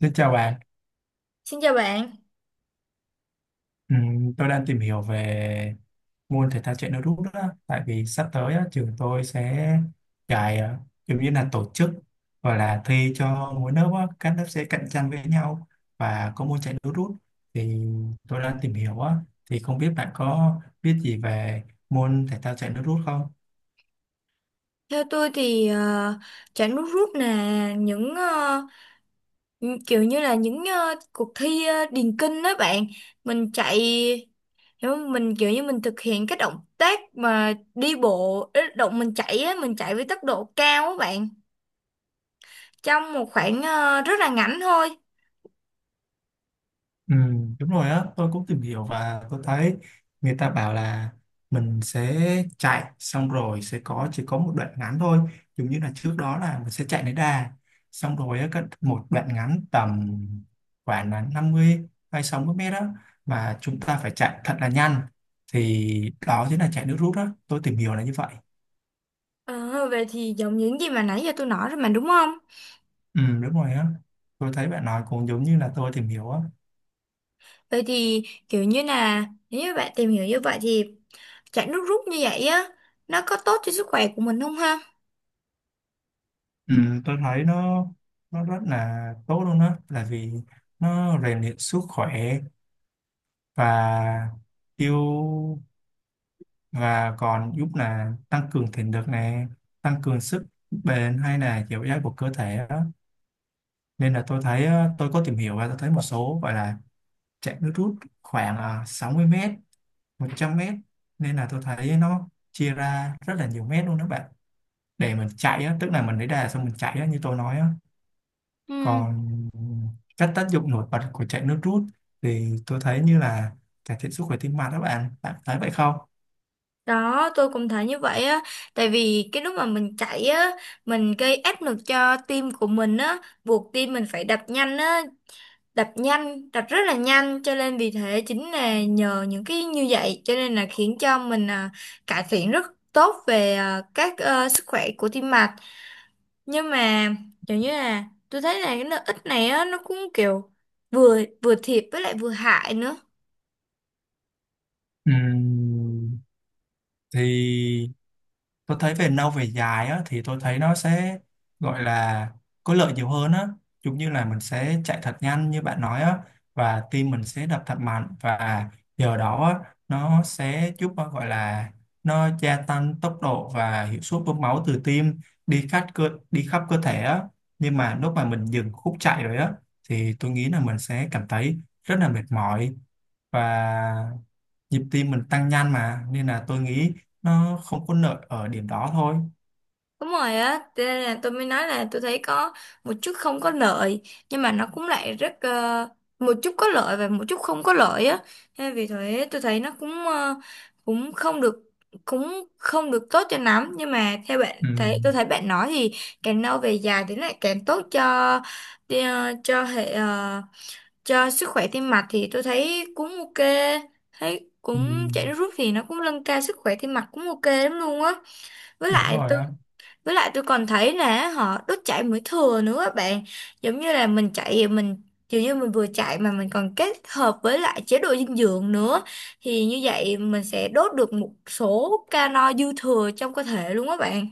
Xin chào bạn. Xin chào bạn. Tôi đang tìm hiểu về môn thể thao chạy nước rút đó. Tại vì sắp tới á, trường tôi sẽ chạy giống như là tổ chức và là thi cho mỗi lớp á, các lớp sẽ cạnh tranh với nhau và có môn chạy nước rút thì tôi đang tìm hiểu á, thì không biết bạn có biết gì về môn thể thao chạy nước rút không? Theo tôi thì chả nước rút là kiểu như là cuộc thi điền kinh đó bạn. Mình chạy hiểu không? Mình kiểu như mình thực hiện cái động tác mà đi bộ, ý, động mình chạy á, mình chạy với tốc độ cao á bạn. Trong một khoảng rất là ngắn thôi. Ừ, đúng rồi á, tôi cũng tìm hiểu và tôi thấy người ta bảo là mình sẽ chạy xong rồi sẽ có chỉ có một đoạn ngắn thôi, giống như là trước đó là mình sẽ chạy đến đà, xong rồi á, một đoạn ngắn tầm khoảng là 50 hay 60 mét đó mà chúng ta phải chạy thật là nhanh thì đó chính là chạy nước rút đó, tôi tìm hiểu là như vậy. Ờ, về thì giống những gì mà nãy giờ tôi nói rồi mà đúng không? Ừ, đúng rồi á, tôi thấy bạn nói cũng giống như là tôi tìm hiểu á. Vậy thì kiểu như là nếu như bạn tìm hiểu như vậy thì chạy nước rút như vậy á nó có tốt cho sức khỏe của mình không ha? Ừ, tôi thấy nó rất là tốt luôn đó là vì nó rèn luyện sức khỏe và yêu và còn giúp là tăng cường thể lực này tăng cường sức bền hay là dẻo dai của cơ thể đó. Nên là tôi thấy tôi có tìm hiểu và tôi thấy một số gọi là chạy nước rút khoảng 60 mét 100 mét, nên là tôi thấy nó chia ra rất là nhiều mét luôn đó bạn, để mình chạy á, tức là mình lấy đà xong mình chạy á, như tôi nói á. Ừ. Còn các tác dụng nổi bật của chạy nước rút thì tôi thấy như là cải thiện sức khỏe tim mạch đó bạn, bạn thấy vậy không? Đó, tôi cũng thấy như vậy á, tại vì cái lúc mà mình chạy á, mình gây áp lực cho tim của mình á, buộc tim mình phải đập nhanh á, đập nhanh, đập rất là nhanh, cho nên vì thế chính là nhờ những cái như vậy, cho nên là khiến cho mình cải thiện rất tốt về các sức khỏe của tim mạch. Nhưng mà kiểu như là tôi thấy là cái lợi ích này á nó cũng kiểu vừa vừa thiệt với lại vừa hại nữa. Ừm, thì tôi thấy về lâu về dài á, thì tôi thấy nó sẽ gọi là có lợi nhiều hơn á, giống như là mình sẽ chạy thật nhanh như bạn nói á, và tim mình sẽ đập thật mạnh và nhờ đó á, nó sẽ giúp à, gọi là nó gia tăng tốc độ và hiệu suất bơm máu từ tim đi khắp cơ thể á, nhưng mà lúc mà mình dừng khúc chạy rồi á thì tôi nghĩ là mình sẽ cảm thấy rất là mệt mỏi và nhịp tim mình tăng nhanh mà, nên là tôi nghĩ nó không có lợi ở điểm đó thôi. Đúng rồi á, cho nên là tôi mới nói là tôi thấy có một chút không có lợi, nhưng mà nó cũng lại rất một chút có lợi và một chút không có lợi á, nên vì thế tôi thấy nó cũng cũng không được cũng không được tốt cho lắm. Nhưng mà theo bạn Ừ, thấy tôi thấy bạn nói thì càng lâu về dài thì nó lại càng tốt cho ờ, cho hệ ờ, cho sức khỏe tim mạch, thì tôi thấy cũng ok. Thấy ừ, cũng chạy nước rút thì nó cũng nâng cao sức khỏe tim mạch cũng ok lắm luôn á. với đúng lại rồi tôi á. với lại tôi còn thấy là họ đốt chạy mỡ thừa nữa á bạn, giống như là mình chạy mình kiểu như mình vừa chạy mà mình còn kết hợp với lại chế độ dinh dưỡng nữa thì như vậy mình sẽ đốt được một số calo dư thừa trong cơ thể luôn á bạn.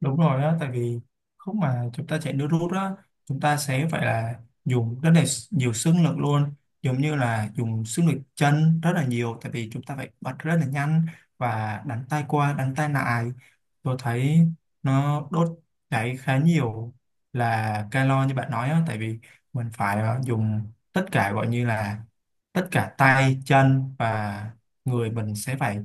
Đúng rồi á, tại vì lúc mà chúng ta chạy nước rút á, chúng ta sẽ phải là dùng rất là nhiều sức lực luôn, giống như là dùng sức lực chân rất là nhiều, tại vì chúng ta phải bật rất là nhanh và đánh tay qua, đánh tay lại. Tôi thấy nó đốt cháy khá nhiều là calo như bạn nói á, tại vì mình phải dùng tất cả gọi như là tất cả tay, chân và người mình sẽ phải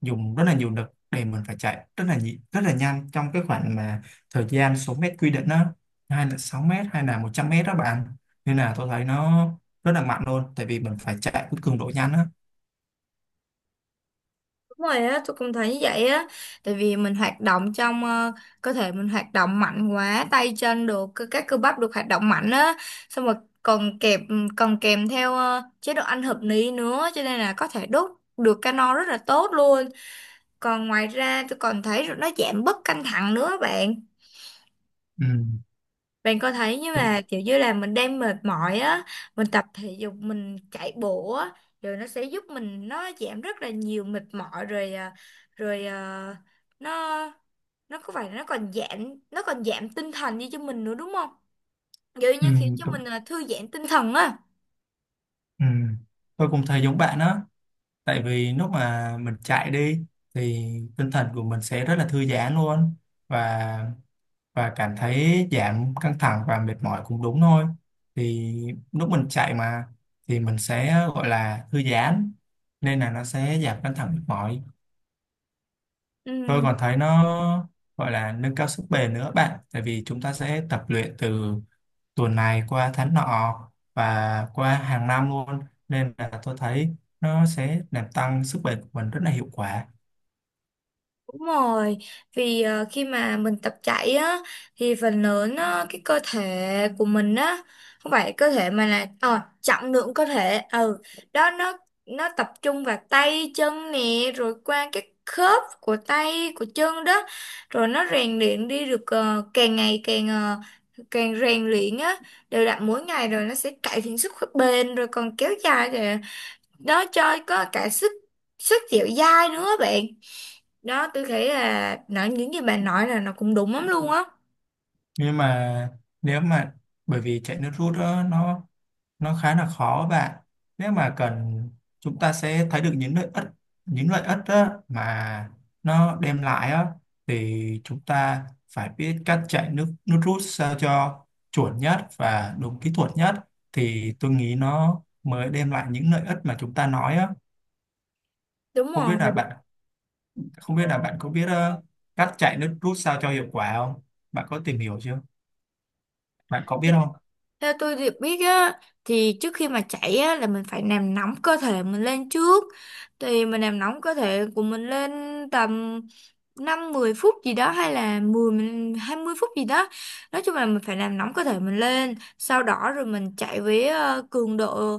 dùng rất là nhiều lực để mình phải chạy rất là nhanh trong cái khoảng mà thời gian số mét quy định đó, hay là 6 mét hay là 100 mét đó bạn, nên là tôi thấy nó rất là mạnh luôn tại vì mình phải chạy với cường độ nhanh á. Đúng rồi á, tôi cũng thấy như vậy á. Tại vì mình hoạt động trong cơ thể mình hoạt động mạnh quá. Tay chân được, các cơ bắp được hoạt động mạnh á. Xong rồi còn kèm Còn kèm theo chế độ ăn hợp lý nữa, cho nên là có thể đốt được calo rất là tốt luôn. Còn ngoài ra tôi còn thấy nó giảm bớt căng thẳng nữa bạn, Ừ, bạn có thấy như đúng, là kiểu như là mình đang mệt mỏi á, mình tập thể dục, mình chạy bộ á, rồi nó sẽ giúp mình nó giảm rất là nhiều mệt mỏi rồi rồi nó có phải là nó còn giảm tinh thần đi cho mình nữa đúng không? Kiểu ừ, như khiến cho đúng, mình thư giãn tinh thần á. ừ. Tôi cũng thấy giống bạn đó, tại vì lúc mà mình chạy đi thì tinh thần của mình sẽ rất là thư giãn luôn, và và cảm thấy giảm căng thẳng và mệt mỏi cũng đúng thôi, thì lúc mình chạy mà thì mình sẽ gọi là thư giãn, nên là nó sẽ giảm căng thẳng mệt mỏi. Tôi Ừ. còn thấy nó gọi là nâng cao sức bền nữa bạn, tại vì chúng ta sẽ tập luyện từ tuần này qua tháng nọ và qua hàng năm luôn, nên là tôi thấy nó sẽ làm tăng sức bền của mình rất là hiệu quả. Đúng rồi, vì khi mà mình tập chạy á thì phần lớn á, cái cơ thể của mình á không phải cơ thể mà là trọng lượng cơ thể đó nó tập trung vào tay chân nè rồi qua cái khớp của tay của chân đó, rồi nó rèn luyện đi được càng ngày càng càng rèn luyện á đều đặn mỗi ngày, rồi nó sẽ cải thiện sức khỏe bền rồi còn kéo dài, rồi nó cho có cả sức sức dẻo dai nữa bạn. Đó, tôi thấy là nói những gì bạn nói là nó cũng đúng lắm luôn á. Nhưng mà nếu mà, bởi vì chạy nước rút đó, nó khá là khó bạn, nếu mà cần chúng ta sẽ thấy được những lợi ích á, mà nó đem lại á, thì chúng ta phải biết cách chạy nước nước rút sao cho chuẩn nhất và đúng kỹ thuật nhất thì tôi nghĩ nó mới đem lại những lợi ích mà chúng ta nói á. Đúng Không biết rồi. là bạn Không biết là bạn có biết cách chạy nước rút sao cho hiệu quả không? Bạn có tìm hiểu chưa? Bạn có biết không? Theo tôi được biết á thì trước khi mà chạy á là mình phải làm nóng cơ thể mình lên trước, thì mình làm nóng cơ thể của mình lên tầm năm 10 phút gì đó, hay là 10 20 phút gì đó. Nói chung là mình phải làm nóng cơ thể mình lên, sau đó rồi mình chạy với cường độ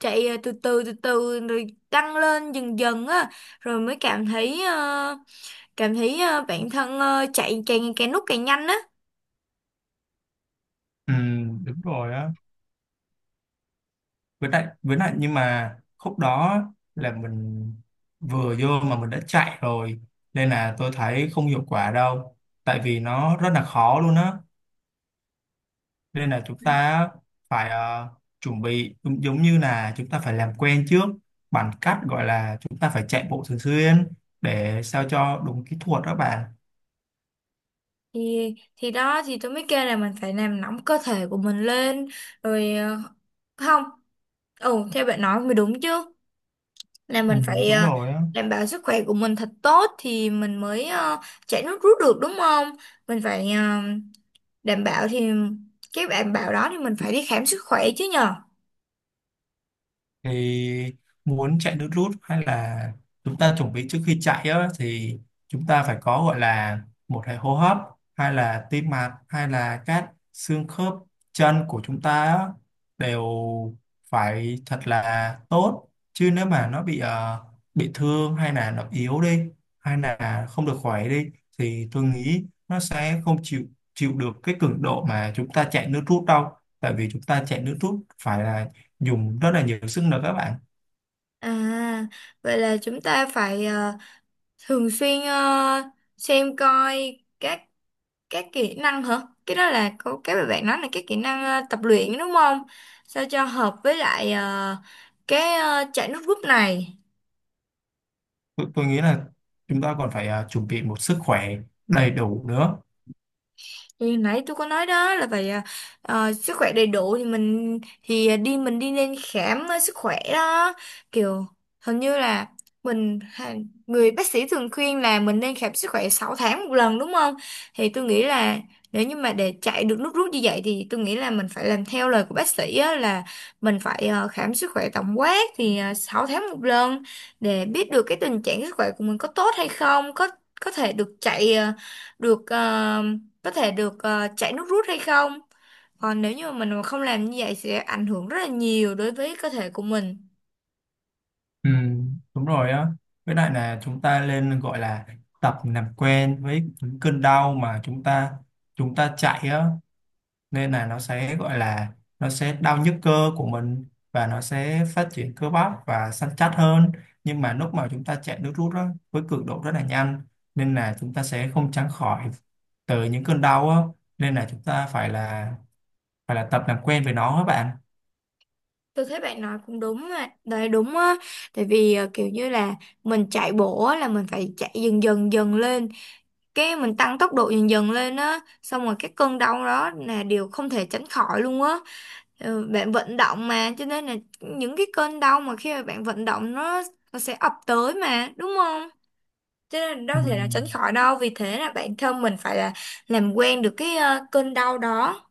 chạy từ từ rồi tăng lên dần dần á, rồi mới cảm thấy bản thân chạy càng càng lúc càng nhanh á. Ừ, đúng rồi á. Với lại nhưng mà khúc đó là mình vừa vô mà mình đã chạy rồi, nên là tôi thấy không hiệu quả đâu, tại vì nó rất là khó luôn á, nên là chúng ta phải chuẩn bị giống giống như là chúng ta phải làm quen trước bằng cách gọi là chúng ta phải chạy bộ thường xuyên để sao cho đúng kỹ thuật đó bạn. Thì đó thì tôi mới kêu là mình phải làm nóng cơ thể của mình lên, rồi không ừ theo bạn nói mới đúng chứ, là Ừ, mình phải đúng rồi á, đảm bảo sức khỏe của mình thật tốt thì mình mới chạy nước rút được đúng không. Mình phải đảm bảo, thì cái đảm bảo đó thì mình phải đi khám sức khỏe chứ nhờ. thì muốn chạy nước rút hay là chúng ta chuẩn bị trước khi chạy á, thì chúng ta phải có gọi là một hệ hô hấp hay là tim mạch hay là các xương khớp chân của chúng ta á, đều phải thật là tốt, chứ nếu mà nó bị thương hay là nó yếu đi hay là không được khỏe đi thì tôi nghĩ nó sẽ không chịu chịu được cái cường độ mà chúng ta chạy nước rút đâu, tại vì chúng ta chạy nước rút phải là dùng rất là nhiều sức nữa các bạn. À, vậy là chúng ta phải thường xuyên xem coi các cái kỹ năng hả, cái đó là cô cái mà bạn nói là cái kỹ năng tập luyện đúng không, sao cho hợp với lại cái chạy nước rút này. Tôi nghĩ là chúng ta còn phải chuẩn bị một sức khỏe đầy đủ nữa. Thì nãy tôi có nói đó là phải sức khỏe đầy đủ, thì mình thì đi mình đi nên khám sức khỏe đó, kiểu hình như là mình ha- người bác sĩ thường khuyên là mình nên khám sức khỏe 6 tháng một lần đúng không? Thì tôi nghĩ là nếu như mà để chạy được nước rút như vậy thì tôi nghĩ là mình phải làm theo lời của bác sĩ á, là mình phải khám sức khỏe tổng quát thì 6 tháng một lần, để biết được cái tình trạng sức khỏe của mình có tốt hay không, có thể được chạy ờ, được ờ, có thể được ờ, chảy nước rút hay không. Còn nếu như mà mình mà không làm như vậy sẽ ảnh hưởng rất là nhiều đối với cơ thể của mình. Ừ, đúng rồi á, với lại là chúng ta nên gọi là tập làm quen với những cơn đau mà chúng ta chạy á, nên là nó sẽ gọi là nó sẽ đau nhức cơ của mình và nó sẽ phát triển cơ bắp và săn chắc hơn, nhưng mà lúc mà chúng ta chạy nước rút á, với cường độ rất là nhanh, nên là chúng ta sẽ không tránh khỏi từ những cơn đau á, nên là chúng ta phải là tập làm quen với nó các bạn. Tôi thấy bạn nói cũng đúng mà, đấy đúng á, tại vì kiểu như là mình chạy bộ á, là mình phải chạy dần dần dần lên, cái mình tăng tốc độ dần dần lên á, xong rồi cái cơn đau đó là điều không thể tránh khỏi luôn á. Bạn vận động mà, cho nên là những cái cơn đau mà khi mà bạn vận động nó sẽ ập tới mà, đúng không? Cho nên Ừ. đâu thể nào tránh khỏi đâu. Vì thế là bản thân mình phải là làm quen được cái cơn đau đó.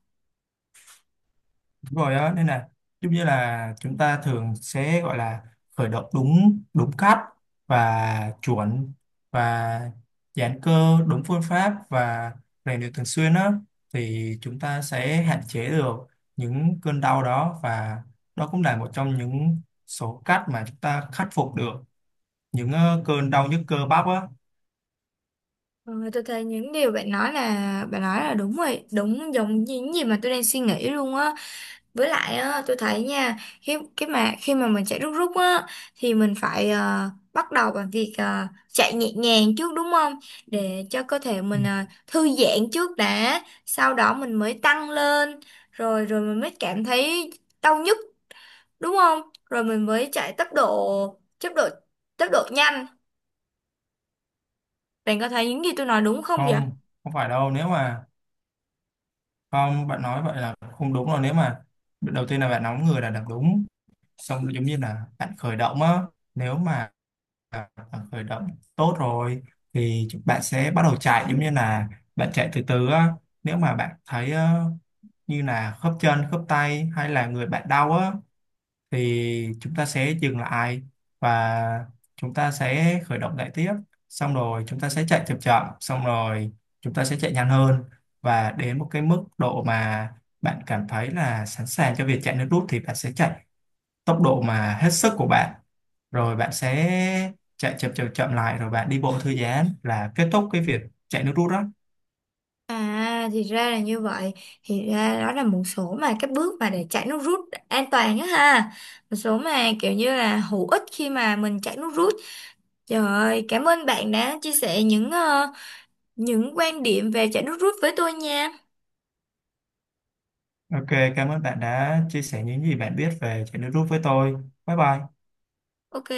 Đúng rồi đó, nên là giống như là chúng ta thường sẽ gọi là khởi động đúng đúng cách và chuẩn và giãn cơ đúng phương pháp và rèn luyện thường xuyên á, thì chúng ta sẽ hạn chế được những cơn đau đó, và đó cũng là một trong những số cách mà chúng ta khắc phục được những cơn đau nhức cơ bắp á. Ờ, Tôi thấy những điều bạn nói là bạn nói là đúng rồi. Đúng giống như những gì mà tôi đang suy nghĩ luôn á. Với lại á, tôi thấy nha khi mà mình chạy rút rút á, thì mình phải bắt đầu bằng việc chạy nhẹ nhàng trước đúng không, để cho cơ thể Ừ. mình thư giãn trước đã. Sau đó mình mới tăng lên. Rồi rồi mình mới cảm thấy đau nhức đúng không? Rồi mình mới chạy tốc độ nhanh. Bạn có thấy những gì tôi nói đúng không vậy? Không, không phải đâu. Nếu mà Không, bạn nói vậy là không đúng rồi. Nếu mà đầu tiên là bạn nóng người là đằng đúng. Xong rồi giống như là bạn khởi động á. Nếu mà bạn khởi động tốt rồi thì bạn sẽ bắt đầu chạy giống như là bạn chạy từ từ á. Nếu mà bạn thấy như là khớp chân, khớp tay hay là người bạn đau á thì chúng ta sẽ dừng lại và chúng ta sẽ khởi động lại tiếp, xong rồi chúng ta sẽ chạy chậm chậm, xong rồi chúng ta sẽ chạy nhanh hơn và đến một cái mức độ mà bạn cảm thấy là sẵn sàng cho việc chạy nước rút thì bạn sẽ chạy tốc độ mà hết sức của bạn, rồi bạn sẽ chạy chậm chậm chậm lại rồi bạn đi bộ thư giãn là kết thúc cái việc chạy nước rút đó. À, thì ra là như vậy. Thì ra đó là một số mà các bước mà để chạy nước rút an toàn á ha. Một số mà kiểu như là hữu ích khi mà mình chạy nước rút. Trời ơi, cảm ơn bạn đã chia sẻ những quan điểm về chạy nước rút với tôi nha. Ok, cảm ơn bạn đã chia sẻ những gì bạn biết về chạy nước rút với tôi. Bye bye. Ok.